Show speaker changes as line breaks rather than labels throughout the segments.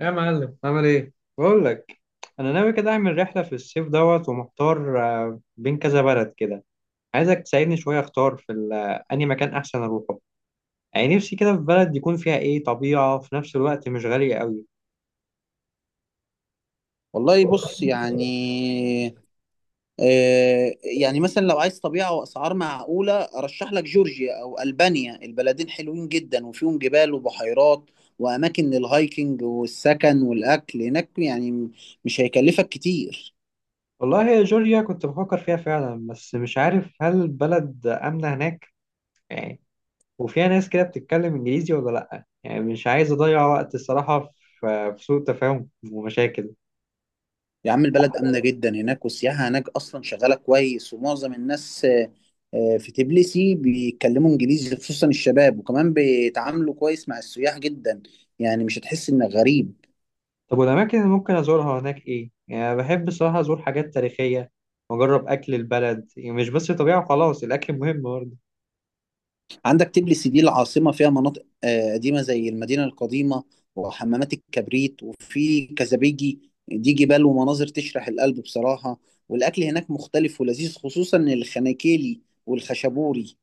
يا معلم، عامل ايه؟ بقول لك انا ناوي كده اعمل رحله في الصيف دوت، ومحتار بين كذا بلد كده. عايزك تساعدني شويه اختار في انهي مكان احسن اروحه. يعني نفسي كده في بلد يكون فيها ايه، طبيعه، وفي نفس الوقت مش غاليه قوي.
والله بص يعني، يعني مثلا لو عايز طبيعة وأسعار معقولة أرشح لك جورجيا أو ألبانيا. البلدين حلوين جدا وفيهم جبال وبحيرات وأماكن للهايكنج، والسكن والأكل هناك يعني مش هيكلفك كتير.
والله يا جورجيا كنت بفكر فيها فعلا، بس مش عارف هل البلد امنه هناك يعني، وفيها ناس كده بتتكلم انجليزي ولا لا؟ يعني مش عايز اضيع وقت الصراحه في سوء تفاهم ومشاكل.
يا عم البلد آمنة جدا هناك، والسياحة هناك أصلا شغالة كويس، ومعظم الناس في تبليسي بيتكلموا إنجليزي خصوصا الشباب، وكمان بيتعاملوا كويس مع السياح جدا، يعني مش هتحس إنك غريب.
طب والأماكن اللي ممكن أزورها هناك إيه؟ يعني أنا بحب الصراحة أزور حاجات تاريخية وأجرب أكل البلد، يعني مش بس طبيعة وخلاص، الأكل مهم برضه.
عندك تبليس دي العاصمة فيها مناطق قديمة زي المدينة القديمة وحمامات الكبريت، وفي كزبيجي دي جبال ومناظر تشرح القلب بصراحة. والأكل هناك مختلف ولذيذ خصوصا الخناكيلي والخشبوري.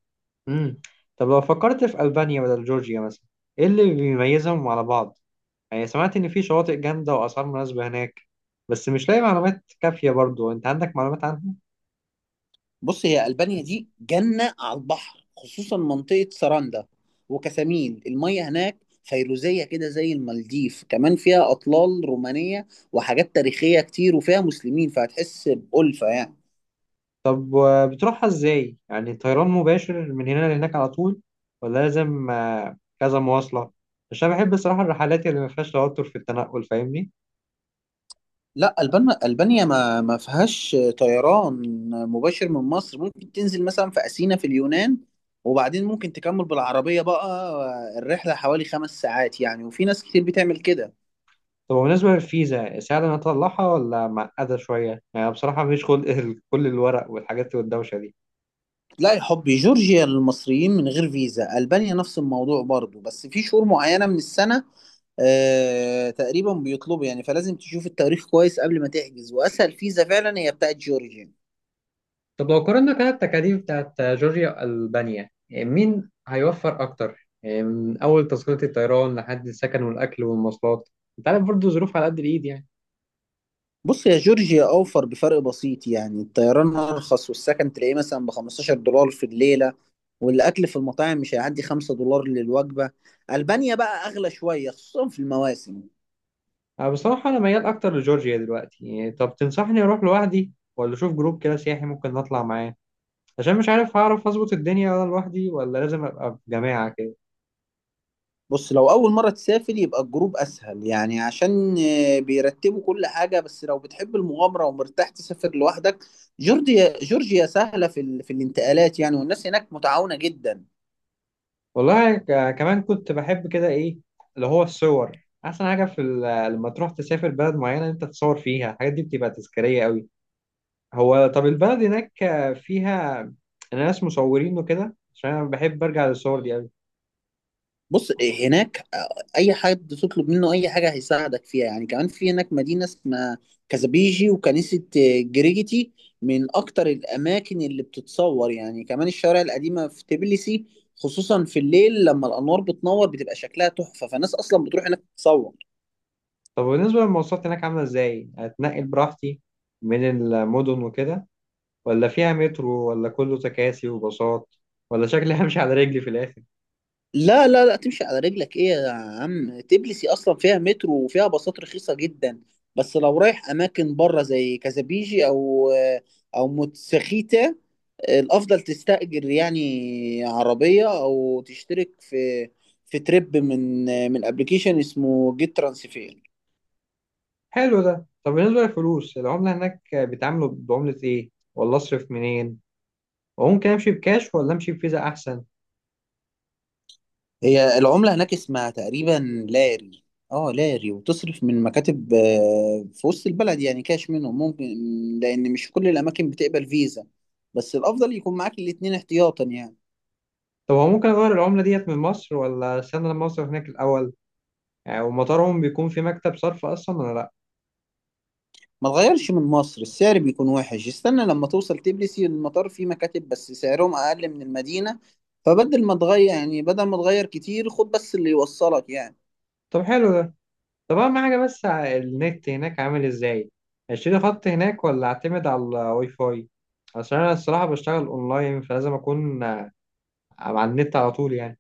امم طب لو فكرت في ألبانيا بدل جورجيا مثلا، إيه اللي بيميزهم على بعض؟ يعني سمعت إن في شواطئ جامدة وأسعار مناسبة هناك، بس مش لاقي معلومات كافية برضه، أنت عندك معلومات عنها؟
بص هي ألبانيا دي جنة على البحر خصوصا منطقة سراندا وكسامين، المية هناك فيروزية كده زي المالديف، كمان فيها أطلال رومانية وحاجات تاريخية كتير، وفيها مسلمين فهتحس بألفة يعني.
طب بتروحها إزاي؟ يعني طيران مباشر من هنا لهناك على طول، ولا لازم كذا مواصلة؟ عشان بحب الصراحة الرحلات اللي ما فيهاش توتر في التنقل، فاهمني؟
لا ألبانيا ما فيهاش طيران مباشر من مصر. ممكن تنزل مثلا في أثينا في اليونان، وبعدين ممكن تكمل بالعربية. بقى الرحلة حوالي 5 ساعات يعني، وفي ناس كتير بتعمل كده.
طب بالنسبة للفيزا، سهل إن أنا أطلعها ولا معقدة شوية؟ يعني بصراحة مفيش خلق كل الورق والحاجات والدوشة دي.
لا يا حبي جورجيا للمصريين من غير فيزا، ألبانيا نفس الموضوع برضو بس في شهور معينة من السنة آه تقريبا بيطلبوا يعني. فلازم تشوف التاريخ كويس قبل ما تحجز، وأسهل فيزا فعلا هي بتاعت جورجيا.
طب لو قارنا كده التكاليف بتاعت جورجيا وألبانيا، يعني مين هيوفر أكتر؟ يعني من أول تذكرة الطيران لحد السكن والأكل والمواصلات. أنت عارف برضه، ظروف على قد الإيد يعني.
بص يا جورجيا اوفر بفرق بسيط، يعني الطيران ارخص والسكن تلاقيه مثلا ب 15 دولار في الليله، والاكل في المطاعم مش هيعدي 5 دولار للوجبه. البانيا بقى اغلى شويه خصوصا في المواسم.
أنا بصراحة أنا ميال أكتر لجورجيا دلوقتي يعني. طب تنصحني أروح لوحدي ولا أشوف جروب كده سياحي ممكن نطلع معاه؟ عشان مش عارف هعرف أظبط الدنيا وأنا لوحدي، ولا لازم أبقى في جماعة كده.
بص لو اول مره تسافر يبقى الجروب اسهل، يعني عشان بيرتبوا كل حاجه. بس لو بتحب المغامره ومرتاح تسافر لوحدك، جورجيا سهله في الانتقالات يعني، والناس هناك متعاونه جدا.
والله كمان كنت بحب كده ايه، اللي هو الصور. احسن حاجه في لما تروح تسافر بلد معينه انت تصور فيها، الحاجات دي بتبقى تذكاريه قوي. هو طب البلد هناك فيها ناس مصورين وكده؟ عشان انا بحب ارجع للصور دي قوي.
بص هناك اي حد تطلب منه اي حاجه هيساعدك فيها يعني. كمان في هناك مدينه اسمها كازابيجي، وكنيسه جريجيتي من اكتر الاماكن اللي بتتصور يعني. كمان الشوارع القديمه في تبليسي خصوصا في الليل لما الانوار بتنور بتبقى شكلها تحفه، فالناس اصلا بتروح هناك تتصور.
طب بالنسبه للمواصلات هناك، عامله ازاي؟ اتنقل براحتي من المدن وكده، ولا فيها مترو، ولا كله تكاسي وباصات، ولا شكلي همشي على رجلي في الاخر؟
لا لا لا تمشي على رجلك ايه يا عم. تبليسي اصلا فيها مترو وفيها باصات رخيصه جدا، بس لو رايح اماكن بره زي كازابيجي او متسخيتا، الافضل تستأجر يعني عربية او تشترك في تريب من ابلكيشن اسمه جيت ترانسفير.
حلو ده. طب بالنسبه للفلوس، العمله هناك بيتعاملوا بعمله ايه؟ ولا اصرف منين؟ وممكن امشي بكاش ولا امشي بفيزا احسن؟
هي العملة هناك اسمها تقريبا لاري. اه لاري، وتصرف من مكاتب في وسط البلد يعني كاش منهم ممكن، لان مش كل الاماكن بتقبل فيزا، بس الافضل يكون معاك الاتنين احتياطا يعني.
طب هو ممكن اغير العمله ديت من مصر، ولا استنى لما اوصل هناك الاول؟ يعني ومطارهم بيكون في مكتب صرف اصلا ولا لا؟
ما تغيرش من مصر السعر بيكون وحش، استنى لما توصل تبلسي. المطار فيه مكاتب بس سعرهم أقل من المدينة، فبدل ما تغير يعني بدل ما تغير كتير خد بس اللي يوصلك يعني.
طب حلو ده. طب اهم حاجه بس، النت هناك عامل ازاي؟ اشتري خط هناك ولا اعتمد على الواي فاي؟ عشان انا الصراحه بشتغل اونلاين، فلازم اكون على النت على طول يعني.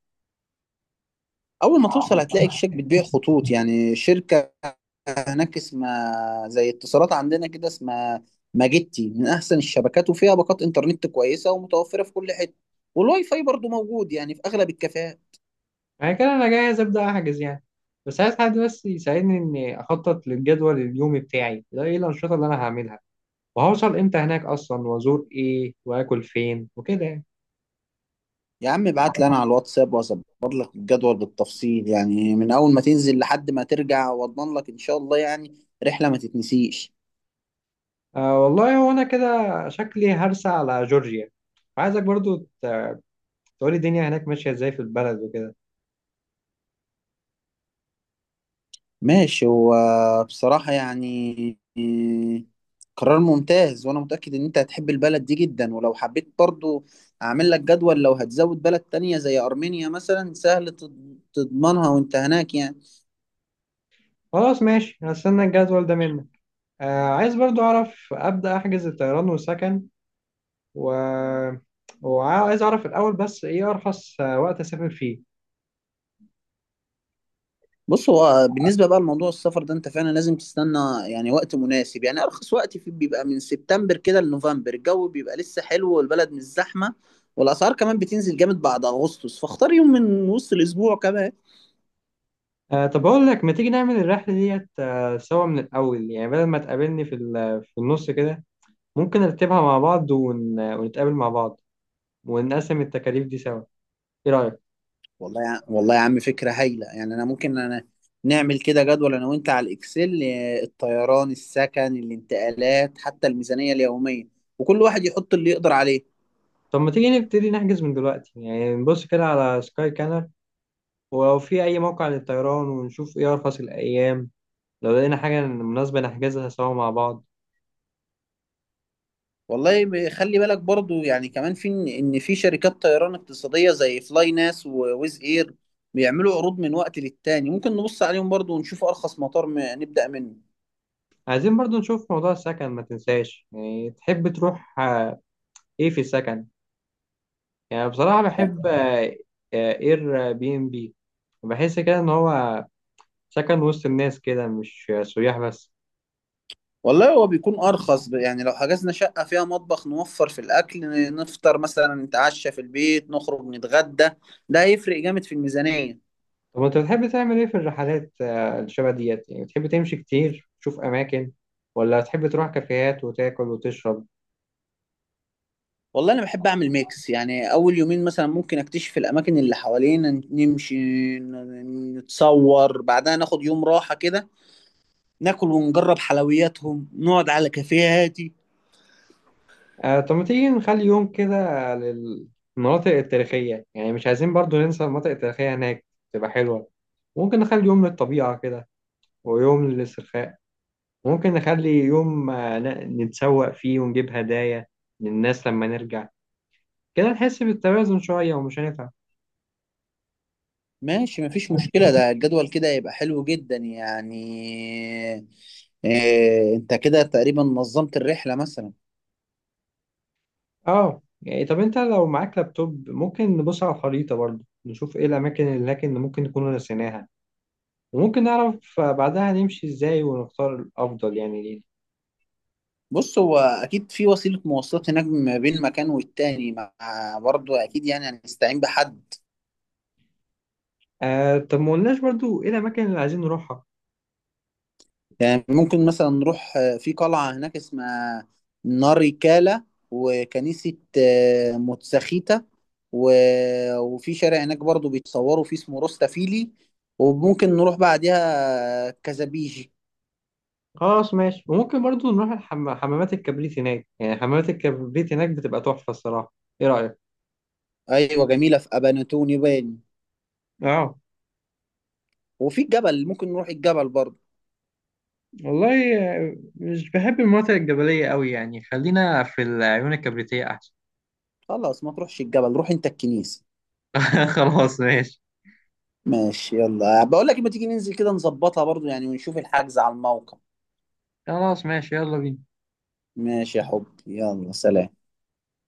أول ما توصل هتلاقي شركة بتبيع خطوط يعني. شركة هناك اسمها زي اتصالات عندنا كده، اسمها ماجيتي، من أحسن الشبكات وفيها باقات إنترنت كويسة ومتوفرة في كل حتة. والواي فاي برضو موجود يعني في أغلب الكافيهات.
يعني كده انا جاهز ابدا احجز يعني، بس عايز حد بس يساعدني اني اخطط للجدول اليومي بتاعي ده، ايه الانشطه اللي انا هعملها، وهوصل امتى هناك اصلا، وازور ايه، واكل فين، وكده يعني.
يا عم ابعت لي انا على الواتساب واظبط لك الجدول بالتفصيل يعني، من اول ما تنزل لحد ما ترجع، واضمن لك ان شاء الله يعني رحلة ما تتنسيش.
آه والله هو انا كده شكلي هرسى على جورجيا. عايزك برضو ت- تقولي الدنيا هناك ماشية ازاي في البلد وكده.
ماشي هو بصراحة يعني قرار ممتاز، وانا متأكد ان انت هتحب البلد دي جدا، ولو حبيت برضو اعمل لك جدول لو هتزود بلد تانية زي ارمينيا مثلا، سهل تضمنها وانت هناك يعني.
خلاص ماشي، هستنى الجدول ده منك. آه عايز برضو اعرف ابدأ احجز الطيران والسكن و... وعايز اعرف الاول بس ايه ارخص وقت اسافر فيه.
بص هو بالنسبة بقى لموضوع السفر ده انت فعلا لازم تستنى يعني وقت مناسب، يعني ارخص وقت في بيبقى من سبتمبر كده لنوفمبر، الجو بيبقى لسه حلو والبلد مش زحمة، والاسعار كمان بتنزل جامد بعد اغسطس، فاختار يوم من وسط الاسبوع كمان.
آه طب اقول لك، ما تيجي نعمل الرحلة ديت آه سوا من الاول؟ يعني بدل ما تقابلني في في النص كده، ممكن نرتبها مع بعض ونتقابل مع بعض ونقسم التكاليف دي سوا. ايه رأيك؟
والله يا عم فكرة هايلة يعني. انا ممكن نعمل كده جدول انا وانت على الاكسل، الطيران السكن الانتقالات حتى الميزانية اليومية، وكل واحد يحط اللي يقدر عليه.
طب ما تيجي نبتدي نحجز من دلوقتي؟ يعني نبص كده على سكاي كانر، ولو في اي موقع للطيران، ونشوف ايه ارخص الايام. لو لقينا حاجة مناسبة نحجزها سوا مع بعض.
والله خلي بالك برضو يعني. كمان في إن في شركات طيران اقتصادية زي فلاي ناس وويز اير بيعملوا عروض من وقت للتاني، ممكن نبص عليهم برضو ونشوف ارخص مطار نبدأ منه
عايزين برضو نشوف موضوع السكن، ما تنساش يعني. تحب تروح ايه في السكن؟ يعني بصراحة
يعني.
بحب اير بي ام بي. بحس كده ان هو سكن وسط الناس كده، مش سياح بس.
والله هو بيكون ارخص يعني لو حجزنا شقة فيها مطبخ نوفر في الاكل، نفطر مثلا نتعشى في البيت نخرج نتغدى، ده هيفرق جامد في الميزانية.
طب انت بتحب تعمل ايه في الرحلات الشبه ديت؟ يعني بتحب تمشي كتير تشوف اماكن، ولا تحب تروح كافيهات وتاكل وتشرب؟
والله انا بحب اعمل ميكس يعني، اول يومين مثلا ممكن اكتشف الاماكن اللي حوالينا نمشي نتصور، بعدها ناخد يوم راحة كده، ناكل ونجرب حلوياتهم نقعد على كافيه هادي.
آه طب ما تيجي نخلي يوم كده للمناطق التاريخية؟ يعني مش عايزين برضو ننسى المناطق التاريخية هناك، تبقى حلوة. ممكن نخلي يوم للطبيعة كده، ويوم للاسترخاء. ممكن نخلي يوم نتسوق فيه ونجيب هدايا للناس لما نرجع. كده نحس بالتوازن شوية ومش هنتعب.
ماشي مفيش مشكلة، ده الجدول كده يبقى حلو جدا يعني. إيه انت كده تقريبا نظمت الرحلة مثلا.
اه يعني طب انت لو معاك لابتوب، ممكن نبص على الخريطة برضو، نشوف ايه الأماكن اللي هناك اللي ممكن نكون نسيناها. وممكن نعرف بعدها نمشي ازاي ونختار الأفضل يعني لينا.
بص هو اكيد في وسيلة مواصلات هناك ما بين مكان والتاني، مع برضه اكيد يعني هنستعين بحد.
آه طب ما قلناش برضو ايه الأماكن اللي عايزين نروحها.
يعني ممكن مثلا نروح في قلعة هناك اسمها ناريكالا، وكنيسة موتساخيتا، و... وفي شارع هناك برضو بيتصوروا فيه اسمه روستا فيلي، وممكن نروح بعدها كازابيجي.
خلاص ماشي. وممكن برضو نروح حمامات الكبريت هناك، يعني حمامات الكبريت هناك بتبقى تحفة الصراحة. ايه رأيك؟
أيوة جميلة في أباناتون يباني.
اه
وفي الجبل ممكن نروح الجبل برضو.
والله مش بحب المناطق الجبلية قوي يعني، خلينا في العيون الكبريتية أحسن.
خلاص ما تروحش الجبل، روح أنت الكنيسة.
خلاص ماشي.
ماشي يلا بقول لك ما تيجي ننزل كده نظبطها برضو يعني ونشوف الحجز على الموقع.
خلاص ماشي، يلا بينا.
ماشي يا حبي، يلا سلام.